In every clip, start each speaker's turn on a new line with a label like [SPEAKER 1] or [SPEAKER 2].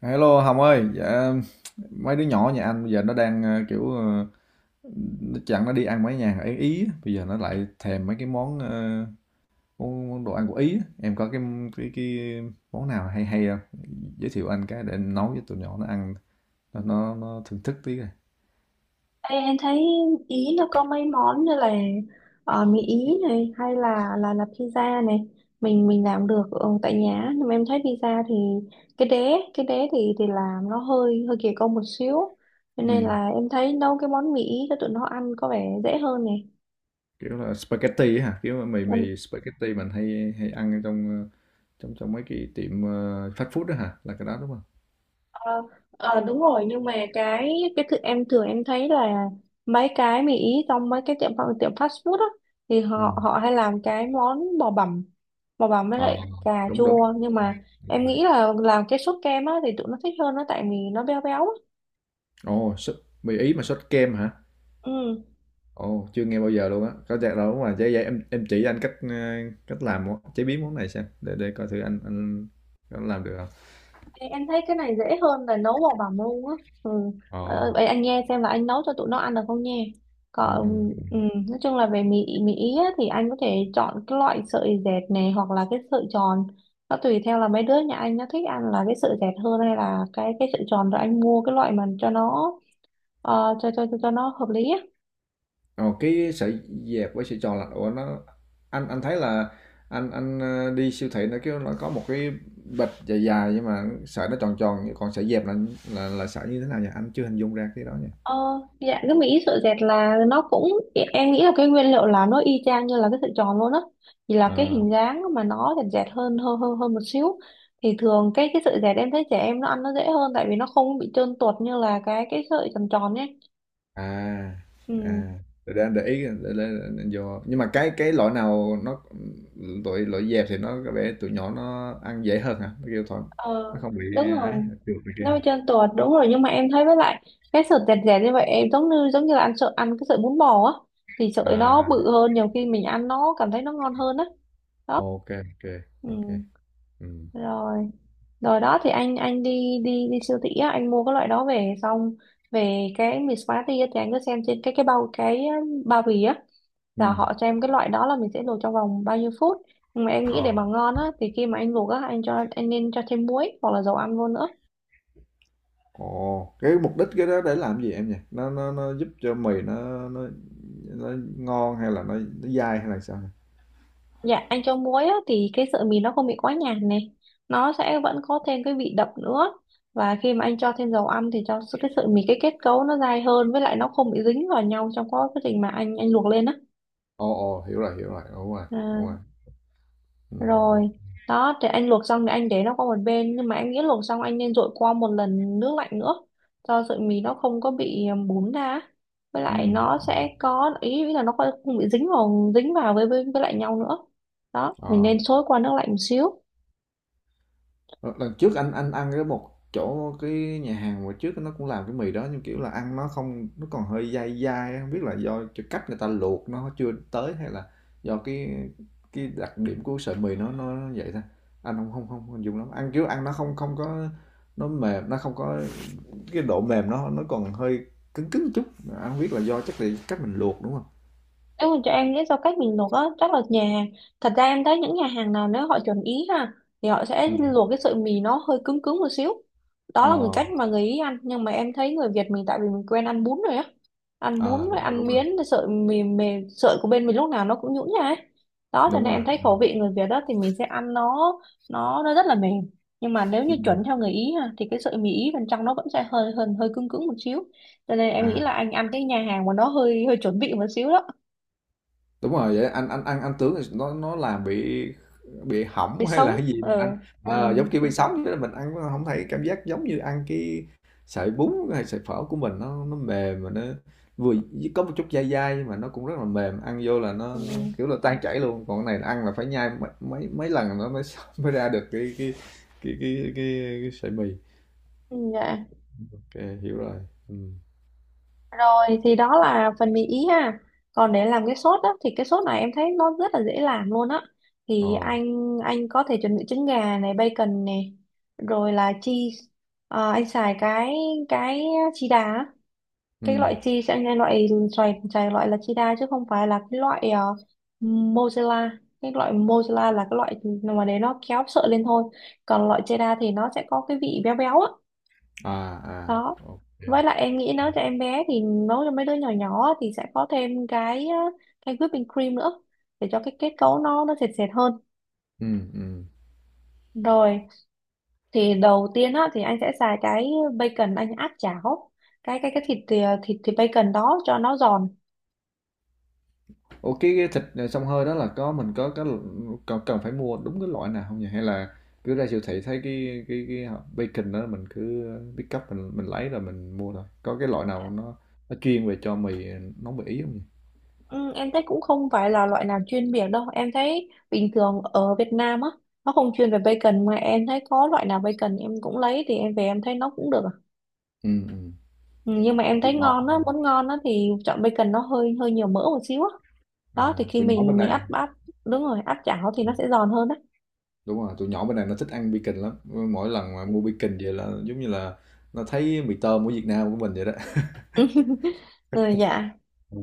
[SPEAKER 1] Hello Hồng ơi, dạ, mấy đứa nhỏ nhà anh bây giờ nó đang kiểu nó chẳng nó đi ăn mấy nhà ở Ý, bây giờ nó lại thèm mấy cái món món đồ ăn của Ý á. Em có cái cái món nào hay hay không? Giới thiệu anh cái để nấu cho tụi nhỏ nó ăn, nó thưởng thức tí coi.
[SPEAKER 2] Ê, em thấy Ý nó có mấy món như là mì Ý này hay là pizza này, mình làm được tại nhà. Nhưng mà em thấy pizza thì cái đế thì làm nó hơi hơi kỳ công một xíu, cho nên
[SPEAKER 1] Ừ.
[SPEAKER 2] là em thấy nấu cái món mì Ý cho tụi nó ăn có vẻ dễ hơn này.
[SPEAKER 1] Kiểu là spaghetti á hả? Kiểu mì mì spaghetti mình hay hay ăn ở trong trong trong mấy cái tiệm fast food đó hả? Là cái đó đúng không?
[SPEAKER 2] Ờ, Đúng rồi, nhưng mà cái thực em thường em thấy là mấy cái mì ý trong mấy cái tiệm tiệm fast food á, thì
[SPEAKER 1] Ừ.
[SPEAKER 2] họ họ hay làm cái món bò bằm, bò bằm với
[SPEAKER 1] Ờ,
[SPEAKER 2] lại cà
[SPEAKER 1] đúng đúng.
[SPEAKER 2] chua. Nhưng mà
[SPEAKER 1] Đúng
[SPEAKER 2] em
[SPEAKER 1] rồi.
[SPEAKER 2] nghĩ là làm cái sốt kem á thì tụi nó thích hơn nó, tại vì nó béo béo á.
[SPEAKER 1] Ồ, mì Ý mà sốt kem hả?
[SPEAKER 2] Ừ.
[SPEAKER 1] Ồ, chưa nghe bao giờ luôn á. Có chắc đâu đúng rồi. Vậy, em chỉ anh cách, cách làm món chế biến món này xem để coi thử anh có làm được không.
[SPEAKER 2] Ê, em thấy cái này dễ hơn là nấu bằng bảng luôn á. Ừ. Ờ,
[SPEAKER 1] Ồ.
[SPEAKER 2] vậy anh nghe xem là anh nấu cho tụi nó ăn được không nha.
[SPEAKER 1] Ừ ừ.
[SPEAKER 2] Còn nói chung là về mì mì ý á, thì anh có thể chọn cái loại sợi dẹt này hoặc là cái sợi tròn. Nó tùy theo là mấy đứa nhà anh nó thích ăn là cái sợi dẹt hơn hay là cái sợi tròn, rồi anh mua cái loại mà cho nó cho nó hợp lý á.
[SPEAKER 1] Ồ, cái sợi dẹp với sợi tròn là ủa nó, anh thấy là anh đi siêu thị nó kêu nó có một cái bịch dài dài nhưng mà sợi nó tròn tròn, còn sợi dẹp là sợi như thế nào nhỉ? Anh chưa hình dung ra cái đó
[SPEAKER 2] Ờ, dạ, cái mỹ sợi dẹt là nó cũng, dạ, em nghĩ là cái nguyên liệu là nó y chang như là cái sợi tròn luôn á, chỉ là cái
[SPEAKER 1] nha.
[SPEAKER 2] hình dáng mà nó dẹt dẹt hơn hơn hơn hơn một xíu. Thì thường cái sợi dẹt em thấy trẻ em nó ăn nó dễ hơn, tại vì nó không bị trơn tuột như là cái sợi tròn tròn nhé.
[SPEAKER 1] À,
[SPEAKER 2] Ừ.
[SPEAKER 1] à, thực ra để ý để vô, nhưng mà cái loại nào nó loại loại dẹp thì nó có vẻ tụi nhỏ nó ăn dễ hơn hả? Nó kêu thôi nó
[SPEAKER 2] Ờ,
[SPEAKER 1] không bị
[SPEAKER 2] đúng
[SPEAKER 1] ấy,
[SPEAKER 2] rồi,
[SPEAKER 1] trượt này kia
[SPEAKER 2] nó
[SPEAKER 1] hả?
[SPEAKER 2] bị trơn tuột, đúng rồi. Nhưng mà em thấy với lại cái sợi dẹt dẹt như vậy em giống như là ăn sợi, ăn cái sợi bún bò á, thì sợi nó
[SPEAKER 1] À,
[SPEAKER 2] bự hơn, nhiều khi mình ăn nó cảm thấy nó ngon hơn á. Đó.
[SPEAKER 1] ok ok
[SPEAKER 2] Ừ.
[SPEAKER 1] ok. Ừ.
[SPEAKER 2] Rồi. Rồi đó thì anh đi đi đi siêu thị á, anh mua cái loại đó về xong. Về cái mì Smarty á, thì anh cứ xem trên cái bao, cái bao bì á, là
[SPEAKER 1] Ừ.
[SPEAKER 2] họ cho em cái loại đó là mình sẽ luộc trong vòng bao nhiêu phút. Nhưng mà em nghĩ
[SPEAKER 1] Ờ.
[SPEAKER 2] để mà ngon á thì khi mà anh luộc á, anh cho, anh nên cho thêm muối hoặc là dầu ăn vô nữa.
[SPEAKER 1] Ồ, cái mục đích cái đó để làm gì em nhỉ? Nó giúp cho mì nó ngon hay là nó dai hay là sao?
[SPEAKER 2] Dạ, anh cho muối á thì cái sợi mì nó không bị quá nhạt này, nó sẽ vẫn có thêm cái vị đậm nữa. Và khi mà anh cho thêm dầu ăn thì cái sợi mì cái kết cấu nó dai hơn, với lại nó không bị dính vào nhau trong quá trình mà anh luộc lên á.
[SPEAKER 1] Ồ, ồ, hiểu rồi, hiểu rồi, đúng rồi, đúng
[SPEAKER 2] À,
[SPEAKER 1] rồi. Ừ.
[SPEAKER 2] rồi
[SPEAKER 1] Ok.
[SPEAKER 2] đó thì anh luộc xong thì anh để nó qua một bên, nhưng mà anh nghĩ luộc xong anh nên dội qua một lần nước lạnh nữa cho sợi mì nó không có bị bún ra á. Với
[SPEAKER 1] Ừ.
[SPEAKER 2] lại nó
[SPEAKER 1] Ừ.
[SPEAKER 2] sẽ có ý ý là nó không không bị dính vào, dính vào với lại nhau nữa. Đó, mình
[SPEAKER 1] Ờ.
[SPEAKER 2] nên xối qua nước lạnh một xíu.
[SPEAKER 1] Ờ, lần trước anh ăn cái một chỗ cái nhà hàng hồi trước nó cũng làm cái mì đó, nhưng kiểu là ăn nó không, nó còn hơi dai dai, không biết là do cái cách người ta luộc nó chưa tới, hay là do cái đặc điểm của sợi mì nó vậy thôi. Anh không dùng lắm, ăn kiểu ăn nó không không có nó mềm, nó không có cái độ mềm, nó còn hơi cứng cứng chút. Anh không biết là do, chắc là cách mình luộc đúng không.
[SPEAKER 2] Nếu mà cho em lý do cách mình luộc á, chắc là nhà, thật ra em thấy những nhà hàng nào nếu họ chuẩn ý ha, thì họ sẽ
[SPEAKER 1] Ừ.
[SPEAKER 2] luộc cái sợi mì nó hơi cứng cứng một xíu. Đó
[SPEAKER 1] Ờ.
[SPEAKER 2] là người cách mà người Ý ăn. Nhưng mà em thấy người Việt mình tại vì mình quen ăn bún rồi á. Ăn bún
[SPEAKER 1] À,
[SPEAKER 2] rồi
[SPEAKER 1] đúng rồi,
[SPEAKER 2] ăn
[SPEAKER 1] đúng rồi,
[SPEAKER 2] miến, cái sợi mì, mì sợi của bên mình lúc nào nó cũng nhũn ra ấy. Đó cho
[SPEAKER 1] đúng
[SPEAKER 2] nên em
[SPEAKER 1] rồi.
[SPEAKER 2] thấy khẩu vị người Việt đó thì mình sẽ ăn nó, nó rất là mềm. Nhưng mà nếu như
[SPEAKER 1] Ừ.
[SPEAKER 2] chuẩn theo người Ý ha, thì cái sợi mì Ý bên trong nó vẫn sẽ hơi hơi hơi cứng cứng một xíu. Cho nên em nghĩ
[SPEAKER 1] À.
[SPEAKER 2] là anh ăn cái nhà hàng mà nó hơi hơi chuẩn bị một xíu đó,
[SPEAKER 1] Đúng rồi, vậy anh ăn anh tướng thì nó làm bị
[SPEAKER 2] để
[SPEAKER 1] hỏng hay
[SPEAKER 2] sống.
[SPEAKER 1] là cái gì mình
[SPEAKER 2] Ừ.
[SPEAKER 1] ăn.
[SPEAKER 2] Ừ.
[SPEAKER 1] Ờ, giống kiểu bị sống vậy đó, mình ăn nó không thấy cảm giác giống như ăn cái sợi bún hay sợi phở của mình, nó mềm mà nó vừa có một chút dai dai nhưng mà nó cũng rất là mềm, ăn vô là nó,
[SPEAKER 2] Ừ.
[SPEAKER 1] nó kiểu là tan chảy luôn. Còn cái này ăn là phải nhai mấy mấy, mấy lần nó mới mới ra được cái sợi mì.
[SPEAKER 2] Ừ, dạ.
[SPEAKER 1] Ok, hiểu rồi. Ừ.
[SPEAKER 2] Rồi thì đó là phần mì ý ha. Còn để làm cái sốt á thì cái sốt này em thấy nó rất là dễ làm luôn á.
[SPEAKER 1] Ồ.
[SPEAKER 2] Thì anh có thể chuẩn bị trứng gà này, bacon này, rồi là cheese. Ờ, anh xài cái cheddar á. Cái loại
[SPEAKER 1] Ừ.
[SPEAKER 2] cheese anh loại, xài xài loại là cheddar chứ không phải là cái loại mozzarella. Cái loại mozzarella là cái loại mà để nó kéo sợi lên thôi, còn loại cheddar thì nó sẽ có cái vị béo béo á.
[SPEAKER 1] À. À.
[SPEAKER 2] Đó.
[SPEAKER 1] Ok.
[SPEAKER 2] Với lại em nghĩ nấu cho em bé thì nấu cho mấy đứa nhỏ nhỏ thì sẽ có thêm cái whipping cream nữa để cho cái kết cấu nó sệt sệt hơn.
[SPEAKER 1] Ừ. Ừ.
[SPEAKER 2] Rồi thì đầu tiên á thì anh sẽ xài cái bacon, anh áp chảo cái thịt à, thịt thịt bacon đó cho nó giòn.
[SPEAKER 1] Ủa cái thịt xông hơi đó, là có mình có cần phải mua đúng cái loại nào không nhỉ? Hay là cứ ra siêu thị thấy cái bacon đó mình cứ pick up, mình lấy rồi mình mua thôi. Có cái loại nào nó chuyên về cho mì, nấu mì ý không nhỉ?
[SPEAKER 2] Ừ, em thấy cũng không phải là loại nào chuyên biệt đâu, em thấy bình thường ở Việt Nam á nó không chuyên về bacon, mà em thấy có loại nào bacon em cũng lấy, thì em về em thấy nó cũng được.
[SPEAKER 1] Ừ, ừ.
[SPEAKER 2] Ừ, nhưng mà em
[SPEAKER 1] Tụi
[SPEAKER 2] thấy
[SPEAKER 1] nhỏ
[SPEAKER 2] ngon á, muốn ngon á thì chọn bacon nó hơi hơi nhiều mỡ một xíu á. Đó thì khi
[SPEAKER 1] tụi nhỏ bên
[SPEAKER 2] mình
[SPEAKER 1] này,
[SPEAKER 2] áp áp, đúng rồi, áp chảo thì nó sẽ giòn hơn á.
[SPEAKER 1] đúng rồi, tụi nhỏ bên này nó thích ăn bacon lắm, mỗi lần mà mua bacon về là giống như là nó thấy mì tôm của Việt Nam của mình vậy đó.
[SPEAKER 2] Ừ, dạ.
[SPEAKER 1] Ừ.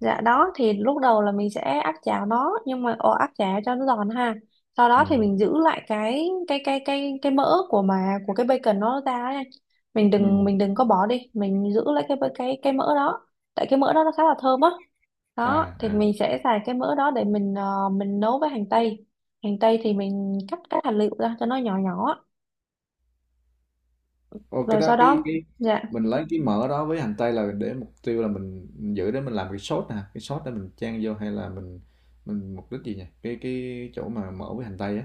[SPEAKER 2] Dạ đó thì lúc đầu là mình sẽ áp chảo nó, nhưng mà ồ, áp chảo cho nó giòn ha. Sau
[SPEAKER 1] Ừ.
[SPEAKER 2] đó thì mình giữ lại cái mỡ của mà của cái bacon nó ra ấy, anh. Mình đừng
[SPEAKER 1] Ừ.
[SPEAKER 2] mình đừng có bỏ đi, mình giữ lại cái mỡ đó. Tại cái mỡ đó nó khá là thơm á.
[SPEAKER 1] À.
[SPEAKER 2] Đó, thì
[SPEAKER 1] À.
[SPEAKER 2] mình sẽ xài cái mỡ đó để mình nấu với hành tây. Hành tây thì mình cắt các hạt lựu ra cho nó nhỏ nhỏ,
[SPEAKER 1] Ồ, cái
[SPEAKER 2] rồi sau
[SPEAKER 1] đó cái
[SPEAKER 2] đó,
[SPEAKER 1] cái
[SPEAKER 2] dạ,
[SPEAKER 1] mình lấy cái mỡ đó với hành tây là để, mục tiêu là mình giữ để mình làm cái sốt nè, cái sốt để mình chan vô, hay là mình mục đích gì nhỉ cái chỗ mà mỡ với hành tây á?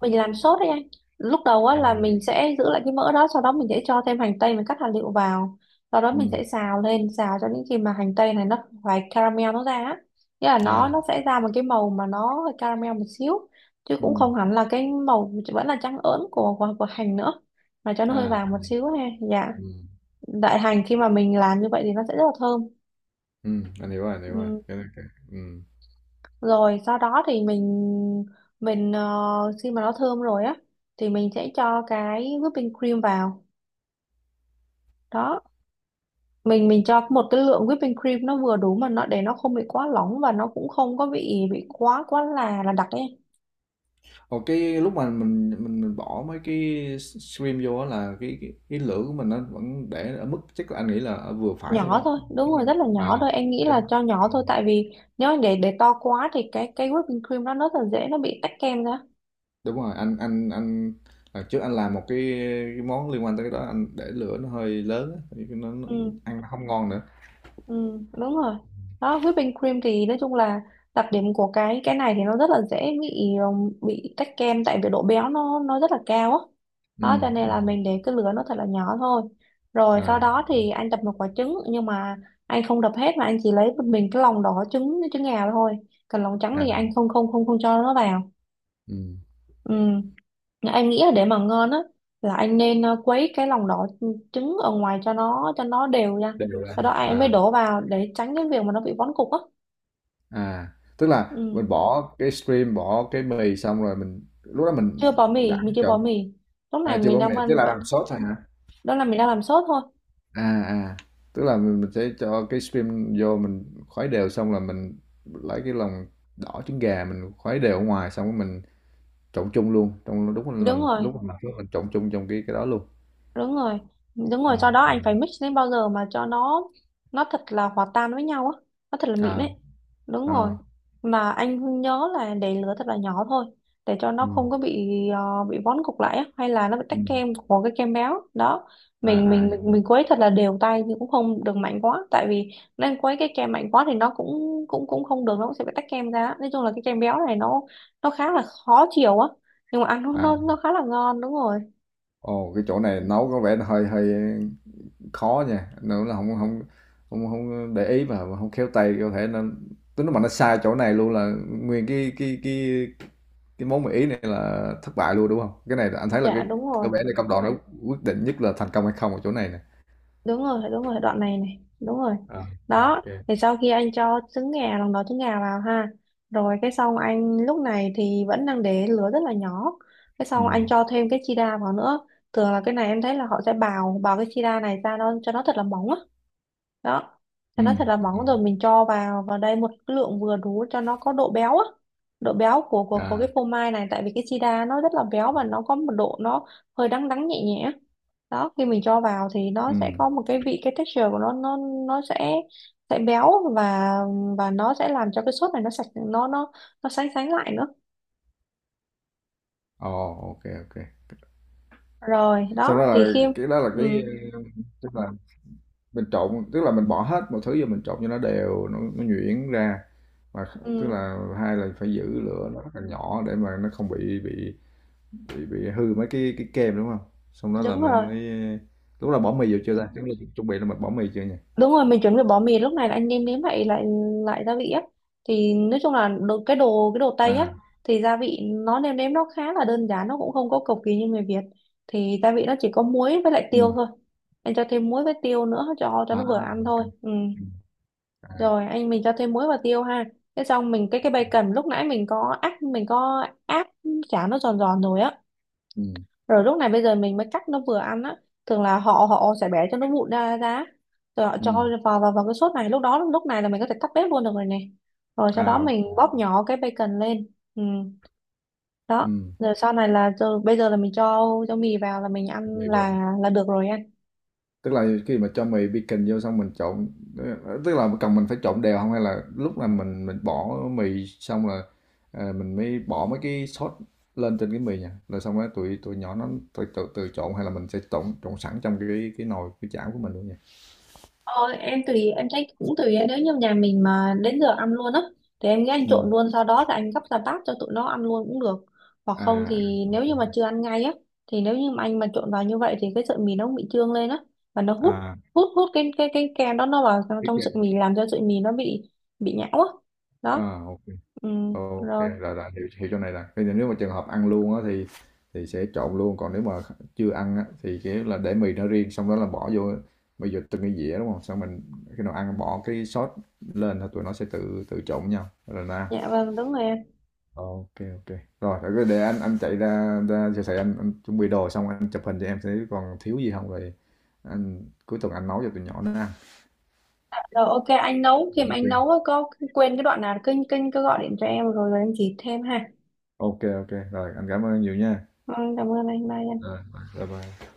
[SPEAKER 2] mình làm sốt đấy anh. Lúc đầu á
[SPEAKER 1] À.
[SPEAKER 2] là mình sẽ giữ lại cái mỡ đó, sau đó mình sẽ cho thêm hành tây, mình cắt hạt liệu vào. Sau đó
[SPEAKER 1] Ừ.
[SPEAKER 2] mình sẽ xào lên, xào cho đến khi mà hành tây này nó phải caramel nó ra á, nghĩa là nó
[SPEAKER 1] À.
[SPEAKER 2] nó sẽ ra một cái màu mà nó hơi caramel một xíu, chứ
[SPEAKER 1] Ừ.
[SPEAKER 2] cũng không hẳn là cái màu vẫn là trắng ớn của hành nữa, mà cho nó hơi
[SPEAKER 1] À.
[SPEAKER 2] vàng một xíu ha. Dạ,
[SPEAKER 1] Ừ.
[SPEAKER 2] đại hành khi mà mình làm như vậy thì nó sẽ rất là thơm.
[SPEAKER 1] Ừ, anh hiểu rồi, anh hiểu rồi, cái, ừ.
[SPEAKER 2] Rồi sau đó thì mình, khi mà nó thơm rồi á thì mình sẽ cho cái whipping cream vào. Đó, mình cho một cái lượng whipping cream nó vừa đủ mà nó, để nó không bị quá lỏng và nó cũng không có bị quá quá là đặc ấy.
[SPEAKER 1] Ồ, cái lúc mà mình bỏ mấy cái stream vô á, là cái lửa của mình nó vẫn để ở mức chắc là anh nghĩ là ở vừa phải thôi,
[SPEAKER 2] Nhỏ
[SPEAKER 1] đúng
[SPEAKER 2] thôi,
[SPEAKER 1] không?
[SPEAKER 2] đúng rồi, rất là nhỏ thôi, em nghĩ là
[SPEAKER 1] À.
[SPEAKER 2] cho nhỏ thôi, tại vì nếu để to quá thì cái whipping cream nó rất là dễ nó bị tách kem ra.
[SPEAKER 1] Đúng rồi. Anh lần trước anh làm một cái món liên quan tới cái đó, anh để lửa nó hơi lớn á, thì nó
[SPEAKER 2] Ừ.
[SPEAKER 1] ăn nó không ngon nữa.
[SPEAKER 2] Ừ, đúng rồi. Đó, whipping cream thì nói chung là đặc điểm của cái này thì nó rất là dễ bị tách kem, tại vì độ béo nó rất là cao á. Đó
[SPEAKER 1] Ừ,
[SPEAKER 2] cho nên
[SPEAKER 1] ừ.
[SPEAKER 2] là mình để cái lửa nó thật là nhỏ thôi. Rồi sau
[SPEAKER 1] À.
[SPEAKER 2] đó thì anh đập một quả trứng, nhưng mà anh không đập hết mà anh chỉ lấy một mình cái lòng đỏ trứng trứng gà thôi. Còn lòng trắng
[SPEAKER 1] À.
[SPEAKER 2] thì anh không không không không cho nó vào.
[SPEAKER 1] Ừ.
[SPEAKER 2] Ừ. Em nghĩ là để mà ngon á là anh nên quấy cái lòng đỏ trứng ở ngoài cho nó đều nha.
[SPEAKER 1] Đều ra.
[SPEAKER 2] Sau đó anh mới
[SPEAKER 1] À.
[SPEAKER 2] đổ vào để tránh cái việc mà nó bị vón cục á.
[SPEAKER 1] À. Tức là
[SPEAKER 2] Ừ.
[SPEAKER 1] mình bỏ cái stream, bỏ cái mì xong rồi mình lúc đó
[SPEAKER 2] Chưa
[SPEAKER 1] mình
[SPEAKER 2] bỏ mì,
[SPEAKER 1] đảo
[SPEAKER 2] mình chưa
[SPEAKER 1] trộn.
[SPEAKER 2] bỏ mì. Lúc này
[SPEAKER 1] À, chưa
[SPEAKER 2] mình
[SPEAKER 1] bỏ mì,
[SPEAKER 2] đang
[SPEAKER 1] tức
[SPEAKER 2] ăn
[SPEAKER 1] là
[SPEAKER 2] vậy.
[SPEAKER 1] làm sốt thôi hả?
[SPEAKER 2] Đó là mình đang làm sốt thôi.
[SPEAKER 1] À. À. Tức là mình sẽ cho cái stream vô mình khuấy đều, xong là mình lấy cái lòng đỏ trứng gà mình khuấy đều ở ngoài, xong rồi mình trộn chung luôn, trong lúc là
[SPEAKER 2] Đúng
[SPEAKER 1] lần
[SPEAKER 2] rồi.
[SPEAKER 1] lúc mà mình làm phước mình trộn chung trong cái đó luôn.
[SPEAKER 2] Đúng rồi, đúng rồi, sau
[SPEAKER 1] À,
[SPEAKER 2] đó anh phải mix đến bao giờ mà cho nó thật là hòa tan với nhau á, nó thật là mịn
[SPEAKER 1] à,
[SPEAKER 2] ấy. Đúng rồi.
[SPEAKER 1] ờ,
[SPEAKER 2] Mà anh nhớ là để lửa thật là nhỏ thôi, để cho nó không
[SPEAKER 1] ừm,
[SPEAKER 2] có bị bị vón cục lại á, hay là nó bị tách
[SPEAKER 1] ừm,
[SPEAKER 2] kem của cái kem béo đó. mình
[SPEAKER 1] à, à,
[SPEAKER 2] mình
[SPEAKER 1] hiểu,
[SPEAKER 2] mình mình quấy thật là đều tay nhưng cũng không được mạnh quá, tại vì nên quấy cái kem mạnh quá thì nó cũng cũng cũng không được, nó cũng sẽ bị tách kem ra á. Nói chung là cái kem béo này nó khá là khó chịu á, nhưng mà ăn nó
[SPEAKER 1] à.
[SPEAKER 2] nó nó khá là ngon. Đúng rồi.
[SPEAKER 1] Ồ, cái chỗ này nấu có vẻ là hơi hơi khó nha, nếu là không không không không để ý mà không khéo tay, có thể nên tới nó mà nó sai chỗ này luôn là nguyên cái món mì Ý này là thất bại luôn, đúng không? Cái này là anh thấy là cái
[SPEAKER 2] Dạ đúng
[SPEAKER 1] có
[SPEAKER 2] rồi,
[SPEAKER 1] vẻ là công đoạn nó quyết định nhất là thành công hay không ở chỗ này nè.
[SPEAKER 2] đúng rồi, đoạn này này, đúng rồi.
[SPEAKER 1] À. Ok
[SPEAKER 2] Đó
[SPEAKER 1] kê.
[SPEAKER 2] thì sau khi anh cho trứng gà, lòng đỏ trứng gà vào ha, rồi cái xong anh lúc này thì vẫn đang để lửa rất là nhỏ, cái xong anh
[SPEAKER 1] Ừm,
[SPEAKER 2] cho thêm cái chi đa vào nữa. Thường là cái này em thấy là họ sẽ bào bào cái chi đa này ra, nó cho nó thật là mỏng á. Đó, cho nó thật
[SPEAKER 1] ừm,
[SPEAKER 2] là mỏng, rồi mình cho vào vào đây một cái lượng vừa đủ cho nó có độ béo á, độ béo của của cái
[SPEAKER 1] à,
[SPEAKER 2] phô mai này. Tại vì cái sida nó rất là béo, và nó có một độ nó hơi đắng đắng nhẹ nhẹ. Đó, khi mình cho vào thì nó sẽ
[SPEAKER 1] ừm,
[SPEAKER 2] có một cái vị, cái texture của nó, nó sẽ béo, và nó sẽ làm cho cái sốt này nó sạch, nó sánh sánh lại nữa.
[SPEAKER 1] ồ, ok ok,
[SPEAKER 2] Rồi
[SPEAKER 1] sau
[SPEAKER 2] đó
[SPEAKER 1] đó
[SPEAKER 2] thì
[SPEAKER 1] là
[SPEAKER 2] khi
[SPEAKER 1] cái đó là cái,
[SPEAKER 2] ừ,
[SPEAKER 1] ờ, tức là tức là mình bỏ hết mọi thứ vô mình trộn cho nó đều, nó nhuyễn ra. Và tức
[SPEAKER 2] ừ,
[SPEAKER 1] là hai là phải giữ lửa nó rất là nhỏ để mà nó không bị hư mấy cái kem đúng không, xong đó là
[SPEAKER 2] đúng
[SPEAKER 1] mình
[SPEAKER 2] rồi,
[SPEAKER 1] mới lúc là bỏ mì vô chưa ta? Tức là chuẩn bị là mình bỏ mì chưa nhỉ?
[SPEAKER 2] đúng rồi, mình chuẩn bị bỏ mì. Lúc này là anh nêm nếm lại lại lại gia vị á. Thì nói chung là cái đồ cái đồ Tây á,
[SPEAKER 1] À.
[SPEAKER 2] thì gia vị nó nêm nếm nó khá là đơn giản, nó cũng không có cầu kỳ như người Việt. Thì gia vị nó chỉ có muối với lại tiêu
[SPEAKER 1] Ừ.
[SPEAKER 2] thôi. Em cho thêm muối với tiêu nữa cho
[SPEAKER 1] À.
[SPEAKER 2] nó vừa ăn
[SPEAKER 1] Ok.
[SPEAKER 2] thôi. Ừ.
[SPEAKER 1] Ừ. À.
[SPEAKER 2] Rồi anh mình cho thêm muối và tiêu ha, thế xong mình cái bacon lúc nãy mình có áp, chả nó giòn giòn rồi á.
[SPEAKER 1] Ừ.
[SPEAKER 2] Rồi lúc này bây giờ mình mới cắt nó vừa ăn á. Thường là họ họ sẽ bẻ cho nó vụn ra ra, rồi họ
[SPEAKER 1] Ừ.
[SPEAKER 2] cho vào vào vào cái sốt này. Lúc đó, lúc này là mình có thể tắt bếp luôn được rồi nè. Rồi sau đó
[SPEAKER 1] À.
[SPEAKER 2] mình bóp nhỏ cái bacon lên. Ừ. Đó,
[SPEAKER 1] Ừ.
[SPEAKER 2] rồi sau này là rồi bây giờ là mình cho mì vào là mình
[SPEAKER 1] Mì
[SPEAKER 2] ăn
[SPEAKER 1] vô
[SPEAKER 2] là được rồi anh.
[SPEAKER 1] tức là khi mà cho mì baking vô xong mình trộn, tức là cần mình phải trộn đều không, hay là lúc là mình bỏ mì xong là, à, mình mới bỏ mấy cái sốt lên trên cái mì nha, rồi xong rồi tụi tụi nhỏ nó tự tự, tự trộn, hay là mình sẽ trộn trộn sẵn trong cái nồi cái chảo của mình luôn nha?
[SPEAKER 2] Ờ, em tùy, em thấy cũng tùy, nếu như nhà mình mà đến giờ ăn luôn á, thì em nghĩ anh
[SPEAKER 1] Ừ.
[SPEAKER 2] trộn luôn, sau đó là anh gấp ra bát cho tụi nó ăn luôn cũng được. Hoặc không
[SPEAKER 1] À.
[SPEAKER 2] thì nếu
[SPEAKER 1] Ok.
[SPEAKER 2] như mà chưa ăn ngay á, thì nếu như mà anh mà trộn vào như vậy thì cái sợi mì nó cũng bị trương lên á, và nó hút
[SPEAKER 1] À.
[SPEAKER 2] hút hút cái cái kem đó nó vào trong,
[SPEAKER 1] Cái
[SPEAKER 2] trong sợi
[SPEAKER 1] kia.
[SPEAKER 2] mì, làm cho sợi mì nó bị nhão á. Đó.
[SPEAKER 1] À. Ok.
[SPEAKER 2] Ừ,
[SPEAKER 1] Ok,
[SPEAKER 2] rồi.
[SPEAKER 1] là hiểu, hiểu chỗ này là bây giờ nếu mà trường hợp ăn luôn á thì sẽ trộn luôn, còn nếu mà chưa ăn á thì kiểu là để mì nó riêng, xong đó là bỏ vô bây giờ từng cái dĩa đúng không, xong mình khi nào ăn bỏ cái sốt lên thì tụi nó sẽ tự tự trộn với nhau rồi ra.
[SPEAKER 2] Dạ vâng, đúng rồi em.
[SPEAKER 1] Ok ok, rồi để anh chạy ra ra siêu thị, anh chuẩn bị đồ xong anh chụp hình cho em thấy còn thiếu gì không, rồi anh cuối tuần anh nấu cho tụi nhỏ nó ăn.
[SPEAKER 2] Rồi ok, anh nấu, khi mà anh nấu
[SPEAKER 1] Ok
[SPEAKER 2] á, có quên cái đoạn nào cứ gọi điện cho em, rồi rồi em chỉ thêm ha.
[SPEAKER 1] ok ok, rồi anh cảm ơn nhiều nha.
[SPEAKER 2] Vâng, cảm ơn anh, bye.
[SPEAKER 1] Rồi. Bye bye.